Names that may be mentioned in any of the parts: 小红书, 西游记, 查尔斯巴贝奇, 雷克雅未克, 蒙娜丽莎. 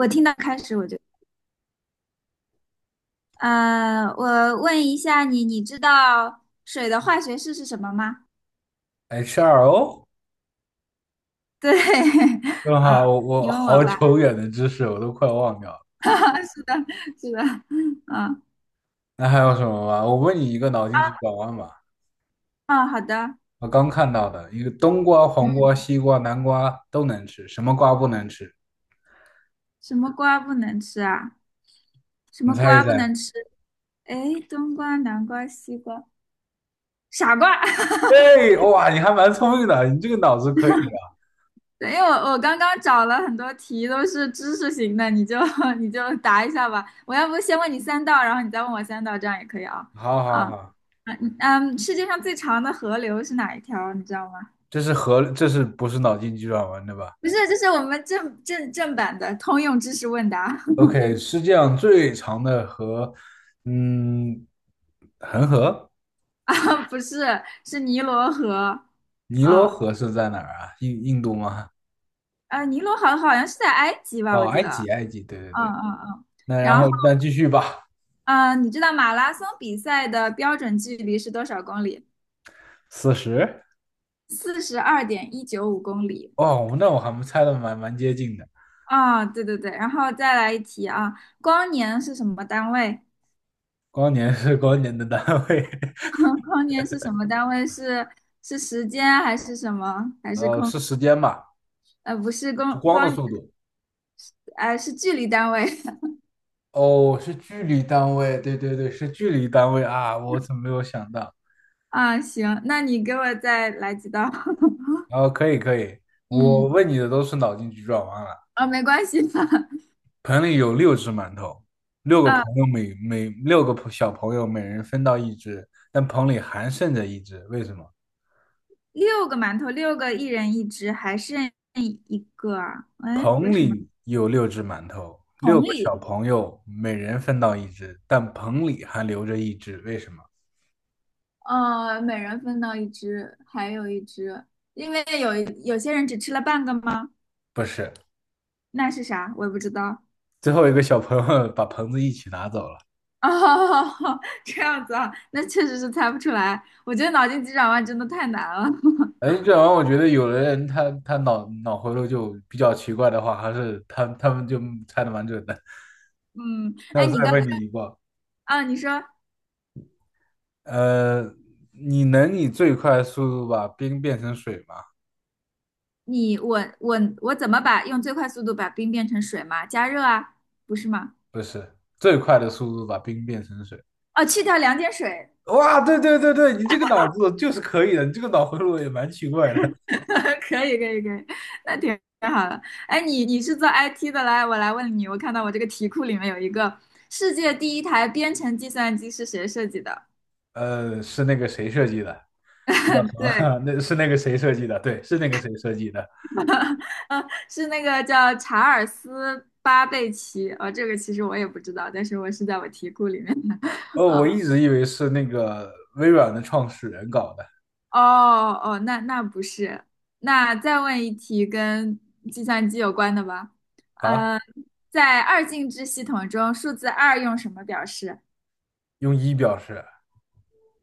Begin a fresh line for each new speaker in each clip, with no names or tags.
我听到开始我就，我问一下你，你知道水的化学式是什么吗？
HRO。
对，
正好
啊，
我
你问我
好
吧。
久远的知识我都快忘掉了。
是的，是的，嗯，
那还有什么吗？我问你一个脑筋急转弯吧。
啊，好的。
我刚看到的一个冬瓜、黄
嗯，
瓜、西瓜、南瓜都能吃，什么瓜不能吃？
什么瓜不能吃啊？什
你
么
猜一
瓜不
猜。
能吃？哎，冬瓜、南瓜、西瓜，傻瓜。
哎，哇，你还蛮聪明的，你这个脑子可以啊。
对，因为我刚刚找了很多题都是知识型的，你就 你就答一下吧。我要不先问你三道，然后你再问我三道，这样也可以啊。
好好
啊，
好。
嗯嗯，世界上最长的河流是哪一条？你知道吗？
这是不是脑筋急转弯对吧
不是，这是我们正版的通用知识问答。
？OK，世界上最长的河，嗯，恒河。
啊，不是，是尼罗河。
尼罗
啊，
河是在哪儿啊？印度吗？
尼罗河好像是在埃及吧，
哦，
我记
埃
得。
及，埃及，对对
嗯
对。
嗯嗯。
那然
然
后
后，
那继续吧。
嗯、你知道马拉松比赛的标准距离是多少公里？
四十。
42.195公里。
哦，那我还没猜的蛮接近的。
啊，对对对，然后再来一题啊，光年是什么单位？
光年是光年的单位，
光年是什么单位？是是时间还是什么？还是空？
是时间吧？
不是
就
光
光的
光，
速度。
是距离单位。
哦，是距离单位，对对对，是距离单位啊！我怎么没有想到？
啊。行，那你给我再来几道。
哦，可以可以，我
嗯，
问你的都是脑筋急转弯了。
啊，没关系吧？
盆里有六只馒头，六个朋
啊，
友每每六个朋小朋友每人分到一只，但盆里还剩着一只，为什么？
六个馒头，六个一人一只，还剩一个啊？哎，为
棚
什么？
里有六只馒头，六
同
个
理，
小朋友每人分到一只，但棚里还留着一只，为什么？
每人分到一只，还有一只，因为有些人只吃了半个吗？
不是，
那是啥？我也不知道。
最后一个小朋友 把棚子一起拿走了。
哦，这样子啊，那确实是猜不出来。我觉得脑筋急转弯真的太难了。
哎，这玩意儿我觉得有的人他脑回路就比较奇怪的话，还是他们就猜的蛮准的。
嗯，
那
哎，
我
你
再
刚
问你一个。
啊，你说
呃，你能以最快速度把冰变成水吗？
你我怎么把用最快速度把冰变成水吗？加热啊，不是吗？
不是，最快的速度把冰变成水。
哦，去掉两点水。
哇，对对对对，你这个脑子就是可以的，你这个脑回路也蛮奇怪的。
可以可以可以，那挺好的。哎，你是做 IT 的，来，我来问你，我看到我这个题库里面有一个世界第一台编程计算机是谁设计的？
是那个谁设计的？叫 什
对，
么？ 那是那个谁设计的？对，是那个谁设计的。
嗯，是那个叫查尔斯巴贝奇。哦，这个其实我也不知道，但是我是在我题库里面的。
哦，我 一直以为是那个微软的创始人搞的。
啊、哦哦，那不是。那再问一题跟计算机有关的吧。
啊，
呃，在二进制系统中，数字二用什么表示？
用一表示。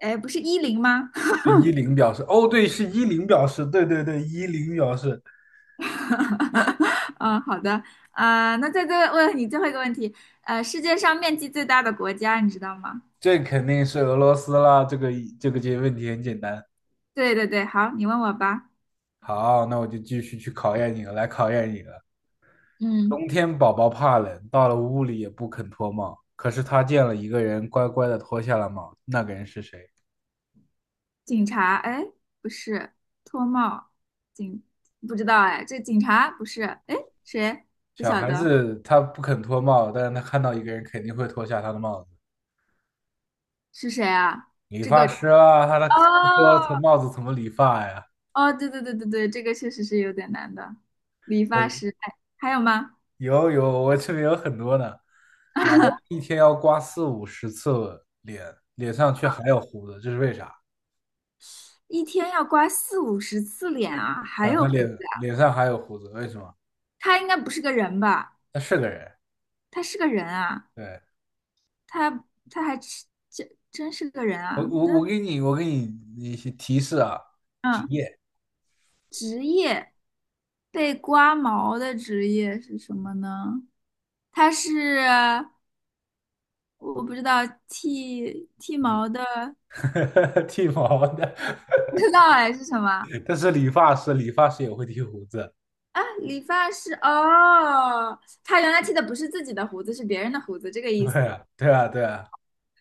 哎，不是10吗？
一零表示。哦，对，是一零表示。对对对，一零表示。
嗯，好的，啊、那再问你最后一个问题，世界上面积最大的国家你知道吗？
这肯定是俄罗斯啦。这问题很简单。
对对对，好，你问我吧。
好，那我就继续去考验你了，来考验你了。
嗯，
冬天宝宝怕冷，到了屋里也不肯脱帽。可是他见了一个人，乖乖的脱下了帽。那个人是谁？
警察，哎，不是，脱帽，警，不知道哎，这警察不是，哎，谁？不
小
晓
孩
得
子他不肯脱帽，但是他看到一个人，肯定会脱下他的帽子。
是谁啊？
理
这个，
发师啊，他脱
哦
帽子怎么理发呀？
哦，对对对对对，这个确实是有点难的。理发
嗯，
师，哎，还有吗？
有，我这边有很多呢。老王一天要刮四五十次脸，脸上却还有胡子，这是为啥？
一天要刮四五十次脸啊，还
啊，
有
他
胡
脸
子。
脸上还有胡子，为什么？
他应该不是个人吧？
他是个人，
他是个人啊，
对。
他他还是真真是个人
我
啊？
我
那
我给你我给你一些提示啊。职
嗯，
业。
职业被刮毛的职业是什么呢？他是我不知道剃
嗯，
毛的，
剃毛的。
不知道哎是什么
但是理发师，理发师也会剃胡子。
啊？理发师哦，他原来剃的不是自己的胡子，是别人的胡子，这个意
对
思。
啊，对啊，对啊，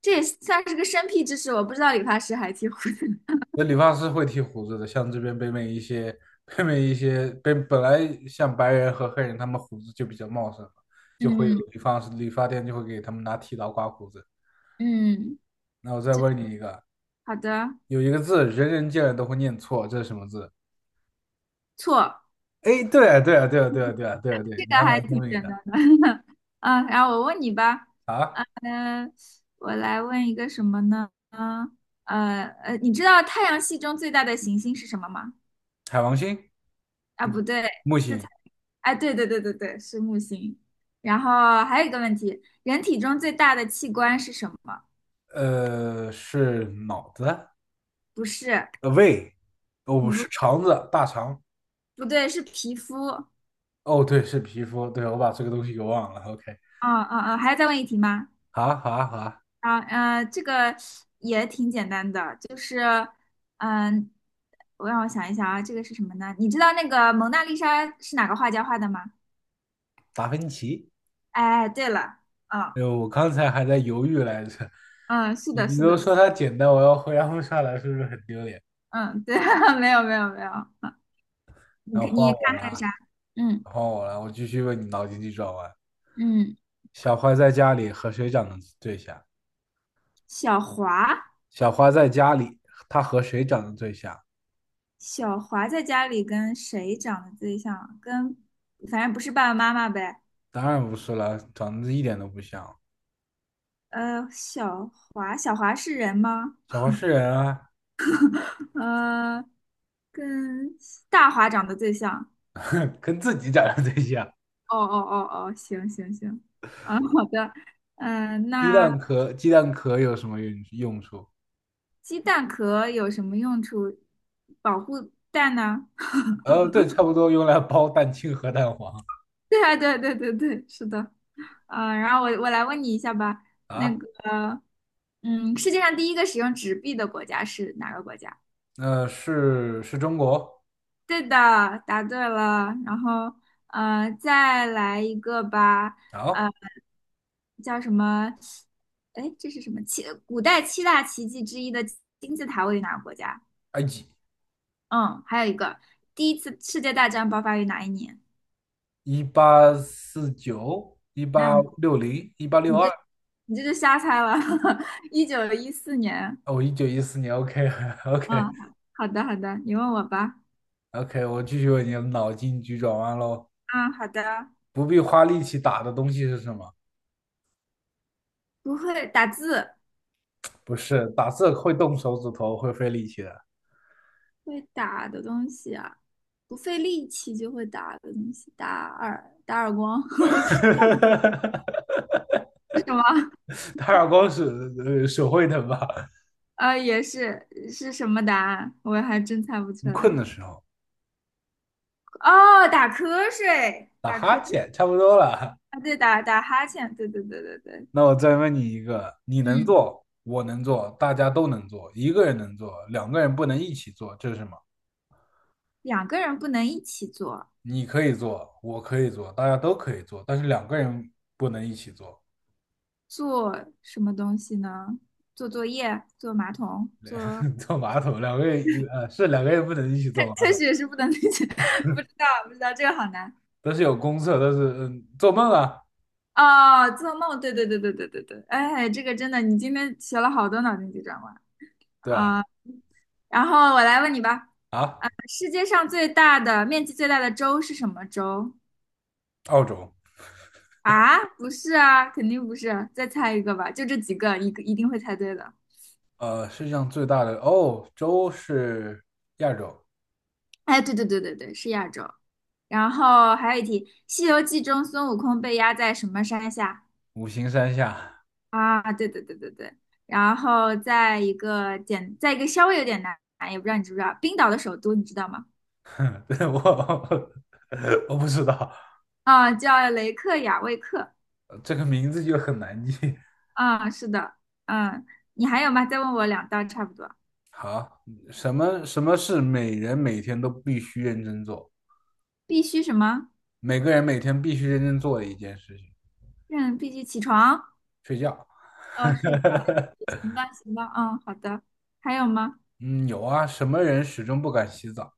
这也算是个生僻知识，我不知道理发师还剃胡子。
那理发师会剃胡子的。像这边北美一些北美一些北本来像白人和黑人，他们胡子就比较茂盛嘛，就会有
嗯
理发店就会给他们拿剃刀刮胡子。
嗯，
那我再
这
问你一个。
好的，
有一个字人人见了都会念错，这是什么字？
错。
哎，对啊，对啊，对啊，对啊，对啊，对啊，对啊，
这
你
个
还
还
蛮聪
挺
明
简
的
单的。嗯，然后我问你吧，
啊。
嗯、我来问一个什么呢？你知道太阳系中最大的行星是什么吗？
海王星、
啊，不对，
木
这
星。
才，哎，对对对对对，是木星。然后还有一个问题，人体中最大的器官是什么？
是脑子。
不是，
胃。哦，不
不，
是肠子，大肠。
不对，是皮肤。
哦，对，是皮肤。对，我把这个东西给忘了。OK。
啊啊啊，还要再问一题吗？
好啊，好啊，好啊。
啊，这个也挺简单的，就是，嗯、让我想一想啊，这个是什么呢？你知道那个蒙娜丽莎是哪个画家画的吗？
达芬奇。
哎，对了，嗯
我刚才还在犹豫来着。
嗯，是
你
的，
你
是
都
的，是
说
的。
它简单，我要回答不上来，是不是很丢脸？
嗯，对，没有没有没有，嗯，你
然后
看
换
你看
我了
还有
啊
啥？嗯
换我了，我继续问你脑筋急转弯。
嗯，
小花在家里和谁长得最像？
小华，
小花在家里，她和谁长得最像？
小华在家里跟谁长得最像啊？反正不是爸爸妈妈呗。
当然不是了，长得一点都不像。
呃，小小华是人吗？
小黄是人啊。
呃，跟大华长得最像。
跟自己长得最像。
哦哦哦哦，行行行，嗯，好的，嗯，
鸡
那
蛋壳，鸡蛋壳有什么用处？
鸡蛋壳有什么用处？保护蛋呢？
对，差不多用来包蛋清和蛋黄
对啊，对对对对，是的。嗯，然后我来问你一下吧，那
啊。
个，嗯，世界上第一个使用纸币的国家是哪个国家？
是中国。
对的，答对了。然后，再来一个吧。
好。
呃，叫什么？哎，这是什么七？古代七大奇迹之一的金字塔位于哪个国家？
埃及。
嗯，还有一个，第一次世界大战爆发于哪一年？
1849、一八
那
六零、一八六
你
二。
这你这就瞎猜了，1914年。
哦，1914年。OK，OK，OK。
嗯，好的好的，你问我吧。
我继续为你的脑筋急转弯喽。
啊，好的，
不必花力气打的东西是什么？
不会打字。
不是打字会动手指头，会费力气的。
会打的东西啊，不费力气就会打的东西，打耳光，不知道 是什么，
打耳光是手会疼吧？
也是什么答案，我还真猜不出
你困
来。
的时候
哦，打瞌睡，
打
打瞌
哈
睡，
欠，差不多了。
啊，对，打哈欠，对对对对对，
那我再问你一个。你能
嗯，
做，我能做，大家都能做，一个人能做，两个人不能一起做，这是什么？
两个人不能一起做，
你可以做，我可以做，大家都可以做，但是两个人不能一起做。
做什么东西呢？做作业，做马桶，做
坐马桶。两个人不能一起坐 马
科
桶，
学是不能理解，不知道不知道，这个好难。
但是有公厕。但是做梦啊，
啊，做梦，对对对对对对对，哎，这个真的，你今天学了好多脑筋急转弯
对吧？
啊。然后我来问你吧，
啊，
世界上最大的面积最大的州是什么州？
澳洲。
啊，不是啊，肯定不是啊，再猜一个吧，就这几个，一个一定会猜对的。
世界上最大的洲是亚洲。
哎，对对对对对，是亚洲。然后还有一题，《西游记》中孙悟空被压在什么山下？
五行山下。
啊，对对对对对。然后再一个稍微有点难，也不知道你知不知道，冰岛的首都你知道吗？
对，我 我不知道。
啊，叫雷克雅未克。
这个名字就很难记。
啊，是的，嗯，你还有吗？再问我两道，差不多。
好。什么是每人每天都必须认真做，
必须什么？
每个人每天必须认真做的一件事情？
嗯，必须起床。
睡觉。
哦，睡觉。行吧，行吧，嗯，好的。还有吗？
嗯，有啊，什么人始终不敢洗澡？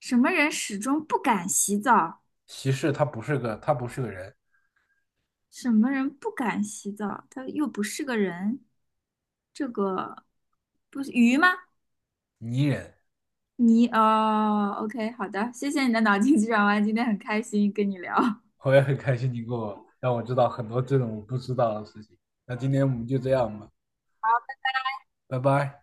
什么人始终不敢洗澡？
其实他不是个，他不是个人，
什么人不敢洗澡？他又不是个人。这个不是鱼吗？
泥人。
哦，OK,好的，谢谢你的脑筋急转弯，今天很开心跟你聊。
我也很开心你给我让我知道很多这种我不知道的事情。那今天我们就这样吧，拜拜。